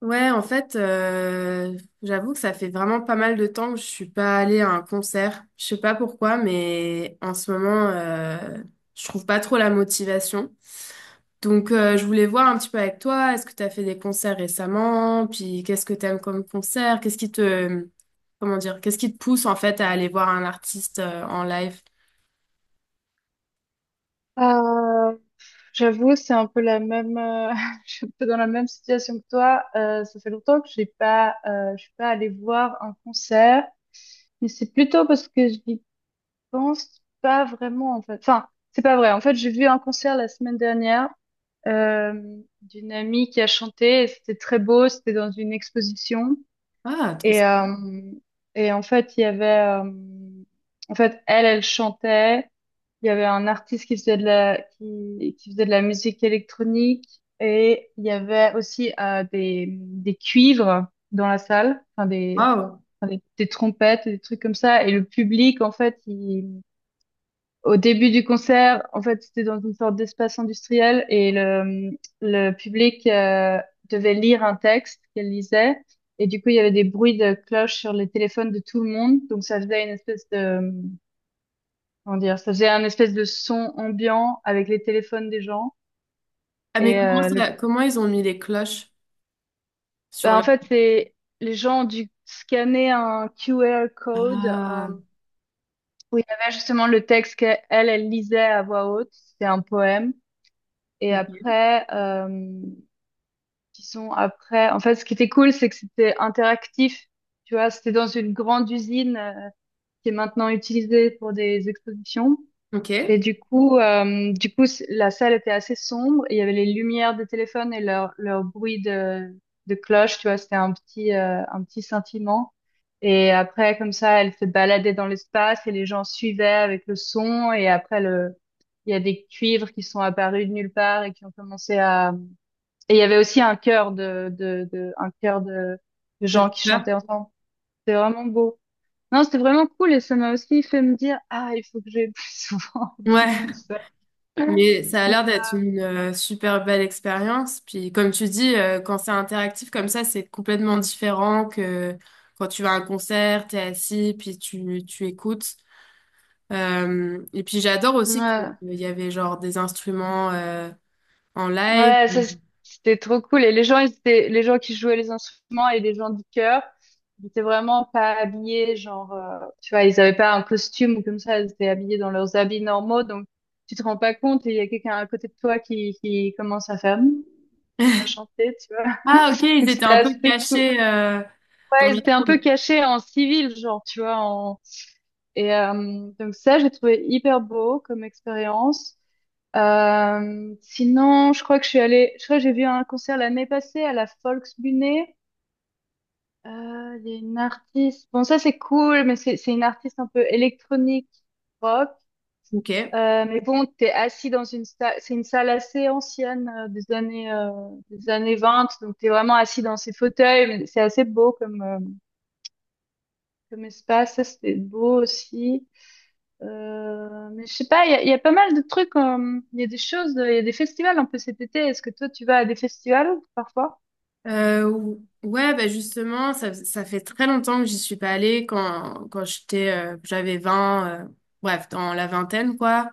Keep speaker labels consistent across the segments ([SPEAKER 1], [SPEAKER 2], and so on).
[SPEAKER 1] Ouais, en fait, j'avoue que ça fait vraiment pas mal de temps que je suis pas allée à un concert. Je sais pas pourquoi, mais en ce moment, je trouve pas trop la motivation. Donc, je voulais voir un petit peu avec toi, est-ce que tu as fait des concerts récemment? Puis, qu'est-ce que t'aimes comme concert? Qu'est-ce qui te, comment dire, qu'est-ce qui te pousse en fait à aller voir un artiste en live?
[SPEAKER 2] Euh, J'avoue, c'est un peu la même. Je suis un peu dans la même situation que toi. Ça fait longtemps que j'ai pas, je suis pas allée voir un concert, mais c'est plutôt parce que je n'y pense pas vraiment en fait. Enfin, c'est pas vrai. En fait, j'ai vu un concert la semaine dernière euh, d'une amie qui a chanté. C'était très beau. C'était dans une exposition.
[SPEAKER 1] Ah, trop
[SPEAKER 2] Et,
[SPEAKER 1] sympa.
[SPEAKER 2] euh, En fait, euh, elle, elle chantait. Il y avait un artiste qui qui faisait de la musique électronique. Et il y avait aussi des cuivres dans la salle, enfin des,
[SPEAKER 1] Waouh.
[SPEAKER 2] enfin, des, des trompettes, des trucs comme ça. Et le public, en fait, au début du concert, en fait, c'était dans une sorte d'espace industriel et le public devait lire un texte qu'elle lisait. Et du coup, il y avait des bruits de cloches sur les téléphones de tout le monde. Donc, ça faisait une espèce de, comment dire, ça faisait un espèce de son ambiant avec les téléphones des gens.
[SPEAKER 1] Ah, mais
[SPEAKER 2] Et euh, le,
[SPEAKER 1] comment ils ont mis les cloches sur
[SPEAKER 2] En
[SPEAKER 1] leur.
[SPEAKER 2] fait, les gens ont dû scanner un QR code
[SPEAKER 1] Ah,
[SPEAKER 2] où il y avait justement le texte qu'elle, elle lisait à voix haute. C'était un poème. Et
[SPEAKER 1] ok.
[SPEAKER 2] après, qui sont après. En fait, ce qui était cool, c'est que c'était interactif. Tu vois, c'était dans une grande usine qui est maintenant utilisée pour des expositions.
[SPEAKER 1] Ok.
[SPEAKER 2] Et du coup, la salle était assez sombre, et il y avait les lumières des téléphones et leur bruit de cloche. Tu vois, c'était un petit sentiment. Et après, comme ça, elle se baladait dans l'espace et les gens suivaient avec le son. Et après, il y a des cuivres qui sont apparus de nulle part et qui ont commencé à, et il y avait aussi un chœur de un chœur de gens qui chantaient ensemble. C'était vraiment beau. Non, c'était vraiment cool et ça m'a aussi fait me dire, ah, il faut que j'aille plus souvent des
[SPEAKER 1] Ouais,
[SPEAKER 2] concerts.
[SPEAKER 1] mais ça a l'air d'être une super belle expérience. Puis comme tu dis, quand c'est interactif comme ça, c'est complètement différent que quand tu vas à un concert, t'es assis, puis tu écoutes. Et puis j'adore aussi qu'il
[SPEAKER 2] Ouais,
[SPEAKER 1] y avait genre des instruments en live.
[SPEAKER 2] ouais, c'était trop cool. Et les gens, les gens qui jouaient les instruments et les gens du chœur, ils étaient vraiment pas habillés, tu vois, ils avaient pas un costume ou comme ça, ils étaient habillés dans leurs habits normaux, donc tu te rends pas compte et il y a quelqu'un à côté de toi qui commence à faire, hum, à chanter, tu vois.
[SPEAKER 1] Ah ok, ils
[SPEAKER 2] Donc
[SPEAKER 1] étaient
[SPEAKER 2] c'était
[SPEAKER 1] un peu
[SPEAKER 2] assez cool.
[SPEAKER 1] cachés dans
[SPEAKER 2] Ouais, ils
[SPEAKER 1] la
[SPEAKER 2] étaient un peu
[SPEAKER 1] foule.
[SPEAKER 2] cachés en civil, genre, tu vois. En... Et donc ça, j'ai trouvé hyper beau comme expérience. Sinon, je crois que j'ai vu un concert l'année passée à la Volksbühne. Il y a une artiste, bon ça c'est cool, mais c'est une artiste un peu électronique, rock.
[SPEAKER 1] Ok.
[SPEAKER 2] Mais bon, t'es assis dans une salle, c'est une salle assez ancienne des années 20, donc t'es vraiment assis dans ces fauteuils. C'est assez beau comme comme espace, ça c'était beau aussi. Mais je sais pas, il y a pas mal de trucs, il y a des festivals un peu cet été. Est-ce que toi tu vas à des festivals parfois?
[SPEAKER 1] Ouais, bah justement, ça fait très longtemps que j'y suis pas allée quand j'étais, j'avais 20 bref, dans la vingtaine, quoi.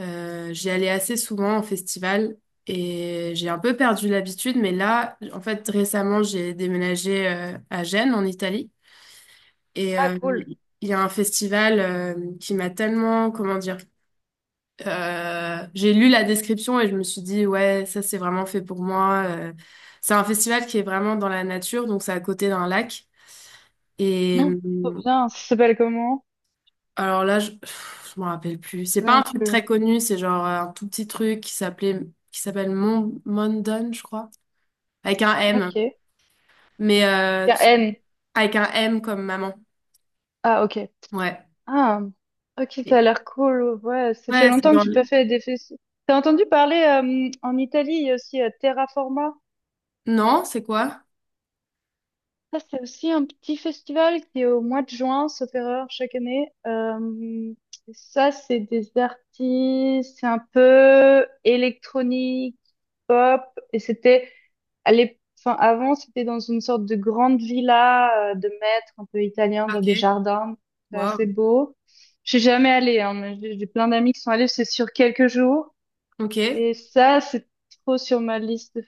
[SPEAKER 1] J'y allais assez souvent en festival et j'ai un peu perdu l'habitude, mais là, en fait, récemment, j'ai déménagé, à Gênes, en Italie. Et
[SPEAKER 2] Ah cool.
[SPEAKER 1] il y a un festival, qui m'a tellement, comment dire, j'ai lu la description et je me suis dit, ouais, ça c'est vraiment fait pour moi. C'est un festival qui est vraiment dans la nature, donc c'est à côté d'un lac. Et
[SPEAKER 2] Non. Trop bien, ça s'appelle comment?
[SPEAKER 1] alors là, je, pff, je m'en rappelle
[SPEAKER 2] Je
[SPEAKER 1] plus.
[SPEAKER 2] me
[SPEAKER 1] C'est pas un
[SPEAKER 2] souviens
[SPEAKER 1] truc
[SPEAKER 2] plus.
[SPEAKER 1] très connu, c'est genre un tout petit truc qui s'appelle Mon Mondon, je crois, avec un M,
[SPEAKER 2] Ok. Il
[SPEAKER 1] mais
[SPEAKER 2] y a N.
[SPEAKER 1] avec un M comme maman.
[SPEAKER 2] Ah ok.
[SPEAKER 1] Ouais.
[SPEAKER 2] Ah, ok, ça a
[SPEAKER 1] Et.
[SPEAKER 2] l'air cool. Ouais, ça fait
[SPEAKER 1] Ouais, c'est
[SPEAKER 2] longtemps que
[SPEAKER 1] dans
[SPEAKER 2] j'ai pas
[SPEAKER 1] le...
[SPEAKER 2] fait des festivals. T'as entendu parler en Italie, il y a aussi Terraforma.
[SPEAKER 1] Non, c'est quoi?
[SPEAKER 2] Ça, c'est aussi un petit festival qui est au mois de juin, sauf erreur, chaque année. Ça, c'est des artistes, c'est un peu électronique. Et c'était enfin, avant, c'était dans une sorte de grande villa de maître un peu italien dans des
[SPEAKER 1] Ok.
[SPEAKER 2] jardins. C'est
[SPEAKER 1] Wow.
[SPEAKER 2] assez beau. Je suis jamais allée, hein, mais j'ai plein d'amis qui sont allés, c'est sur quelques jours.
[SPEAKER 1] Ok.
[SPEAKER 2] Et ça, c'est trop sur ma liste de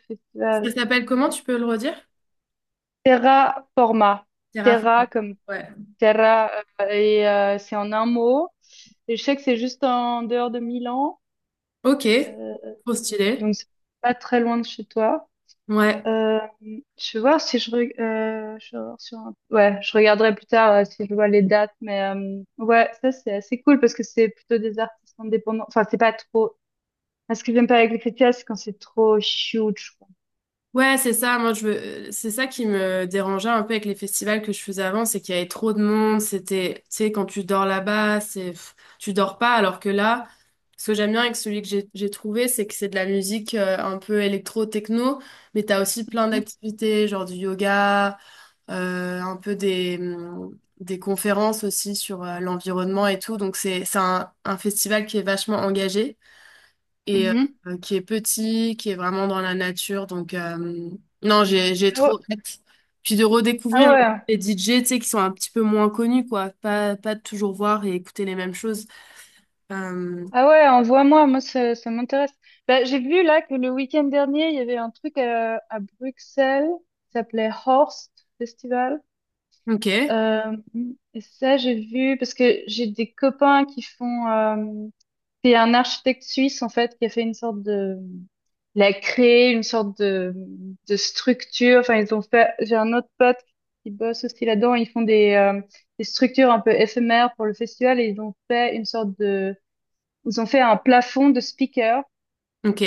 [SPEAKER 1] Ça
[SPEAKER 2] festivals.
[SPEAKER 1] s'appelle comment? Tu peux le redire?
[SPEAKER 2] Terra Forma. Terra
[SPEAKER 1] Terraform.
[SPEAKER 2] comme
[SPEAKER 1] Ouais.
[SPEAKER 2] Terra, c'est en un mot. Et je sais que c'est juste en dehors de Milan,
[SPEAKER 1] Ok,
[SPEAKER 2] euh, euh,
[SPEAKER 1] trop
[SPEAKER 2] euh,
[SPEAKER 1] stylé.
[SPEAKER 2] donc c'est pas très loin de chez toi.
[SPEAKER 1] Ouais,
[SPEAKER 2] Euh, je vais voir si je vais voir sur ouais, je regarderai plus tard si je vois les dates, mais ouais, ça c'est assez cool parce que c'est plutôt des artistes indépendants. Enfin, c'est pas trop. Moi, ce que j'aime pas avec les festivals, c'est quand c'est trop huge, quoi.
[SPEAKER 1] ouais, c'est ça. C'est ça qui me dérangeait un peu avec les festivals que je faisais avant, c'est qu'il y avait trop de monde. C'était, tu sais, quand tu dors là-bas, c'est, pff, tu dors pas. Alors que là, ce que j'aime bien avec celui que j'ai trouvé, c'est que c'est de la musique un peu électro-techno, mais t'as aussi plein
[SPEAKER 2] Mhm,
[SPEAKER 1] d'activités, genre du yoga, un peu des conférences aussi sur l'environnement et tout. Donc c'est un festival qui est vachement engagé, et
[SPEAKER 2] mhm.
[SPEAKER 1] qui est petit, qui est vraiment dans la nature. Donc, non, j'ai
[SPEAKER 2] Ah ouais,
[SPEAKER 1] trop hâte. Puis de
[SPEAKER 2] ah
[SPEAKER 1] redécouvrir
[SPEAKER 2] ouais.
[SPEAKER 1] les DJ, tu sais, qui sont un petit peu moins connus, quoi. Pas de toujours voir et écouter les mêmes choses. Euh,
[SPEAKER 2] Ah ouais, envoie-moi, moi ça, ça m'intéresse. Bah, j'ai vu là que le week-end dernier, il y avait un truc à Bruxelles qui s'appelait Horst Festival.
[SPEAKER 1] ok,
[SPEAKER 2] Euh, et ça, j'ai vu parce que j'ai des copains qui font... C'est un architecte suisse en fait qui a fait une sorte de... Il a créé une sorte de structure. Enfin, ils ont fait... J'ai un autre pote qui bosse aussi là-dedans. Ils font des structures un peu éphémères pour le festival et ils ont fait une sorte de, ils ont fait un plafond de speaker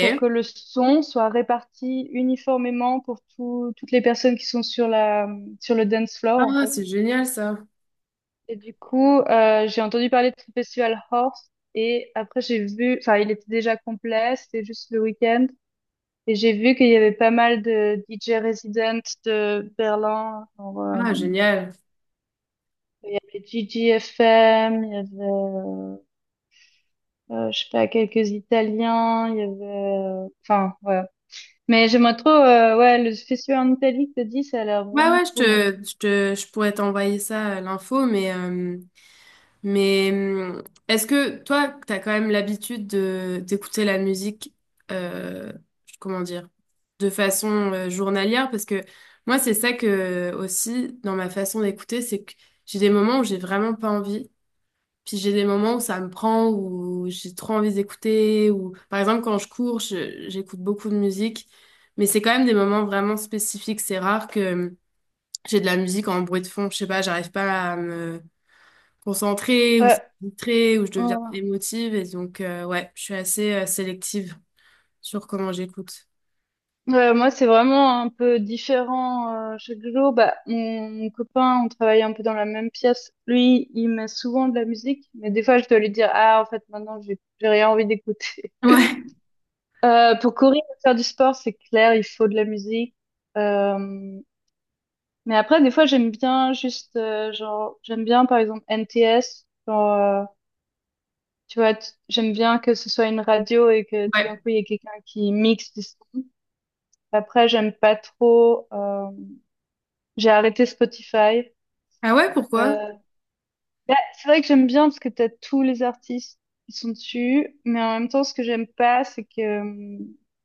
[SPEAKER 2] pour que le son soit réparti uniformément pour toutes les personnes qui sont sur sur le dance floor, en
[SPEAKER 1] Ah,
[SPEAKER 2] fait.
[SPEAKER 1] c'est génial, ça.
[SPEAKER 2] Et du coup, j'ai entendu parler de ce festival Horse et après j'ai vu, enfin, il était déjà complet, c'était juste le week-end. Et j'ai vu qu'il y avait pas mal de DJ résidents de Berlin, genre,
[SPEAKER 1] Ah, génial.
[SPEAKER 2] il y avait Gigi FM, je sais pas, quelques Italiens, enfin, ouais. Mais j'aimerais trop, ouais, le festival en Italie que t'as dit, ça a l'air
[SPEAKER 1] Ouais,
[SPEAKER 2] vraiment
[SPEAKER 1] ouais,
[SPEAKER 2] cool, hein.
[SPEAKER 1] je pourrais t'envoyer ça, l'info, mais... mais est-ce que toi, t'as quand même l'habitude de d'écouter la musique, euh, comment dire, de façon journalière? Parce que moi, c'est ça que aussi dans ma façon d'écouter, c'est que j'ai des moments où j'ai vraiment pas envie, puis j'ai des moments où ça me prend, où j'ai trop envie d'écouter, ou par exemple quand je cours, j'écoute beaucoup de musique, mais c'est quand même des moments vraiment spécifiques. C'est rare que j'ai de la musique en bruit de fond. Je sais pas, j'arrive pas à me concentrée,
[SPEAKER 2] Ouais,
[SPEAKER 1] ou ça me distrait, où je
[SPEAKER 2] ouais.
[SPEAKER 1] deviens émotive. Et donc, ouais, je suis assez sélective sur comment j'écoute.
[SPEAKER 2] Ouais, moi c'est vraiment un peu différent chaque jour. Bah, mon copain, on travaille un peu dans la même pièce. Lui, il met souvent de la musique, mais des fois je dois lui dire, ah, en fait, maintenant j'ai rien envie d'écouter.
[SPEAKER 1] Ouais,
[SPEAKER 2] Pour courir et faire du sport, c'est clair, il faut de la musique. Euh, mais après, des fois, j'aime bien juste, j'aime bien par exemple NTS, tu vois, j'aime bien que ce soit une radio et que tout d'un
[SPEAKER 1] ouais.
[SPEAKER 2] coup, il y ait quelqu'un qui mixe du son. Après, j'aime pas trop... j'ai arrêté Spotify.
[SPEAKER 1] Ah ouais, pourquoi?
[SPEAKER 2] Euh, Bah, c'est vrai que j'aime bien parce que t'as tous les artistes qui sont dessus. Mais en même temps, ce que j'aime pas, c'est que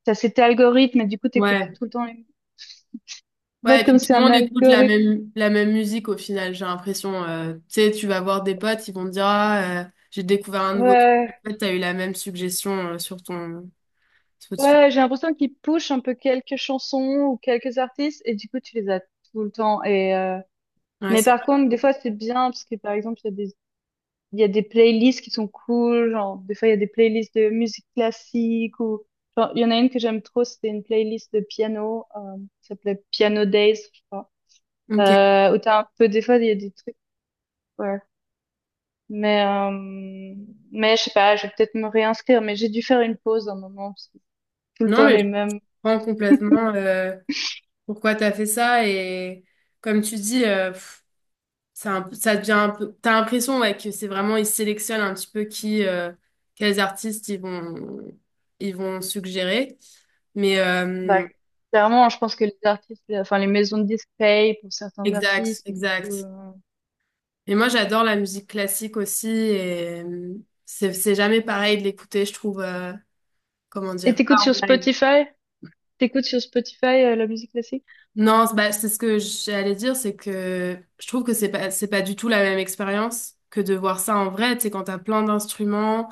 [SPEAKER 2] t'as cet algorithme et du coup, t'écoutes
[SPEAKER 1] Ouais.
[SPEAKER 2] tout le temps les... En
[SPEAKER 1] Ouais, et
[SPEAKER 2] fait, comme
[SPEAKER 1] puis
[SPEAKER 2] c'est
[SPEAKER 1] tout le
[SPEAKER 2] un
[SPEAKER 1] monde écoute
[SPEAKER 2] algorithme...
[SPEAKER 1] la même musique au final, j'ai l'impression. Euh, tu sais, tu vas voir des potes, ils vont te dire, ah, j'ai découvert un nouveau truc.
[SPEAKER 2] Ouais,
[SPEAKER 1] En fait, t'as eu la même suggestion sur ton Spotify.
[SPEAKER 2] ouais, j'ai l'impression qu'ils push un peu quelques chansons ou quelques artistes et du coup, tu les as tout le temps.
[SPEAKER 1] Ouais,
[SPEAKER 2] Mais
[SPEAKER 1] c'est
[SPEAKER 2] par
[SPEAKER 1] vrai.
[SPEAKER 2] contre, des fois, c'est bien parce que par exemple, il y a des playlists qui sont cool, genre des fois il y a des playlists de musique classique ou genre il y en a une que j'aime trop, c'était une playlist de piano, qui s'appelait Piano Days, je crois.
[SPEAKER 1] Ok.
[SPEAKER 2] Où t'as un peu des fois il y a des trucs, ouais. Mais euh, mais je sais pas, je vais peut-être me réinscrire, mais j'ai dû faire une pause un moment parce que tout le
[SPEAKER 1] Non,
[SPEAKER 2] temps
[SPEAKER 1] mais
[SPEAKER 2] les
[SPEAKER 1] je
[SPEAKER 2] mêmes.
[SPEAKER 1] comprends complètement pourquoi t'as fait ça. Et comme tu dis, pff, c'est un peu- ça devient un peu. T'as l'impression ouais, que c'est vraiment ils sélectionnent un petit peu qui, quels artistes ils vont suggérer. Mais
[SPEAKER 2] Bah, clairement, je pense que enfin les maisons de disques payent pour certains
[SPEAKER 1] exact,
[SPEAKER 2] artistes. Et du coup,
[SPEAKER 1] exact. Et moi j'adore la musique classique aussi et c'est jamais pareil de l'écouter, je trouve. Euh, comment
[SPEAKER 2] et
[SPEAKER 1] dire? Pas
[SPEAKER 2] t'écoutes sur
[SPEAKER 1] en live.
[SPEAKER 2] Spotify? T'écoutes sur Spotify la musique classique?
[SPEAKER 1] Non, c'est- bah, c'est ce que j'allais dire, c'est que je trouve que c'est pas du tout la même expérience que de voir ça en vrai. Tu sais, quand t'as plein d'instruments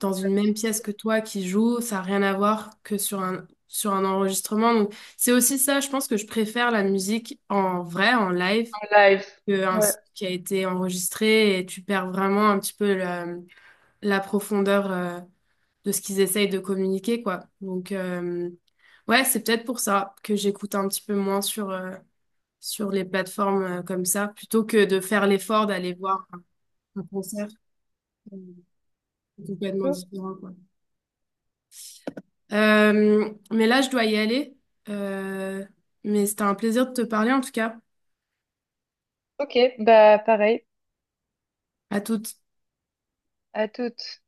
[SPEAKER 1] dans une même pièce que toi qui joue, ça n'a rien à voir que sur sur un enregistrement. Donc, c'est aussi ça, je pense que je préfère la musique en vrai, en live,
[SPEAKER 2] En live.
[SPEAKER 1] qu'un
[SPEAKER 2] Ouais.
[SPEAKER 1] son qui a été enregistré et tu perds vraiment un petit peu la, la profondeur de ce qu'ils essayent de communiquer, quoi. Donc, ouais, c'est peut-être pour ça que j'écoute un petit peu moins sur, sur les plateformes comme ça, plutôt que de faire l'effort d'aller voir un concert euh, complètement
[SPEAKER 2] Oh,
[SPEAKER 1] différent, quoi. Mais là, je dois y aller. Euh, mais c'était un plaisir de te parler en tout cas.
[SPEAKER 2] ok, bah pareil,
[SPEAKER 1] À toutes.
[SPEAKER 2] à toutes.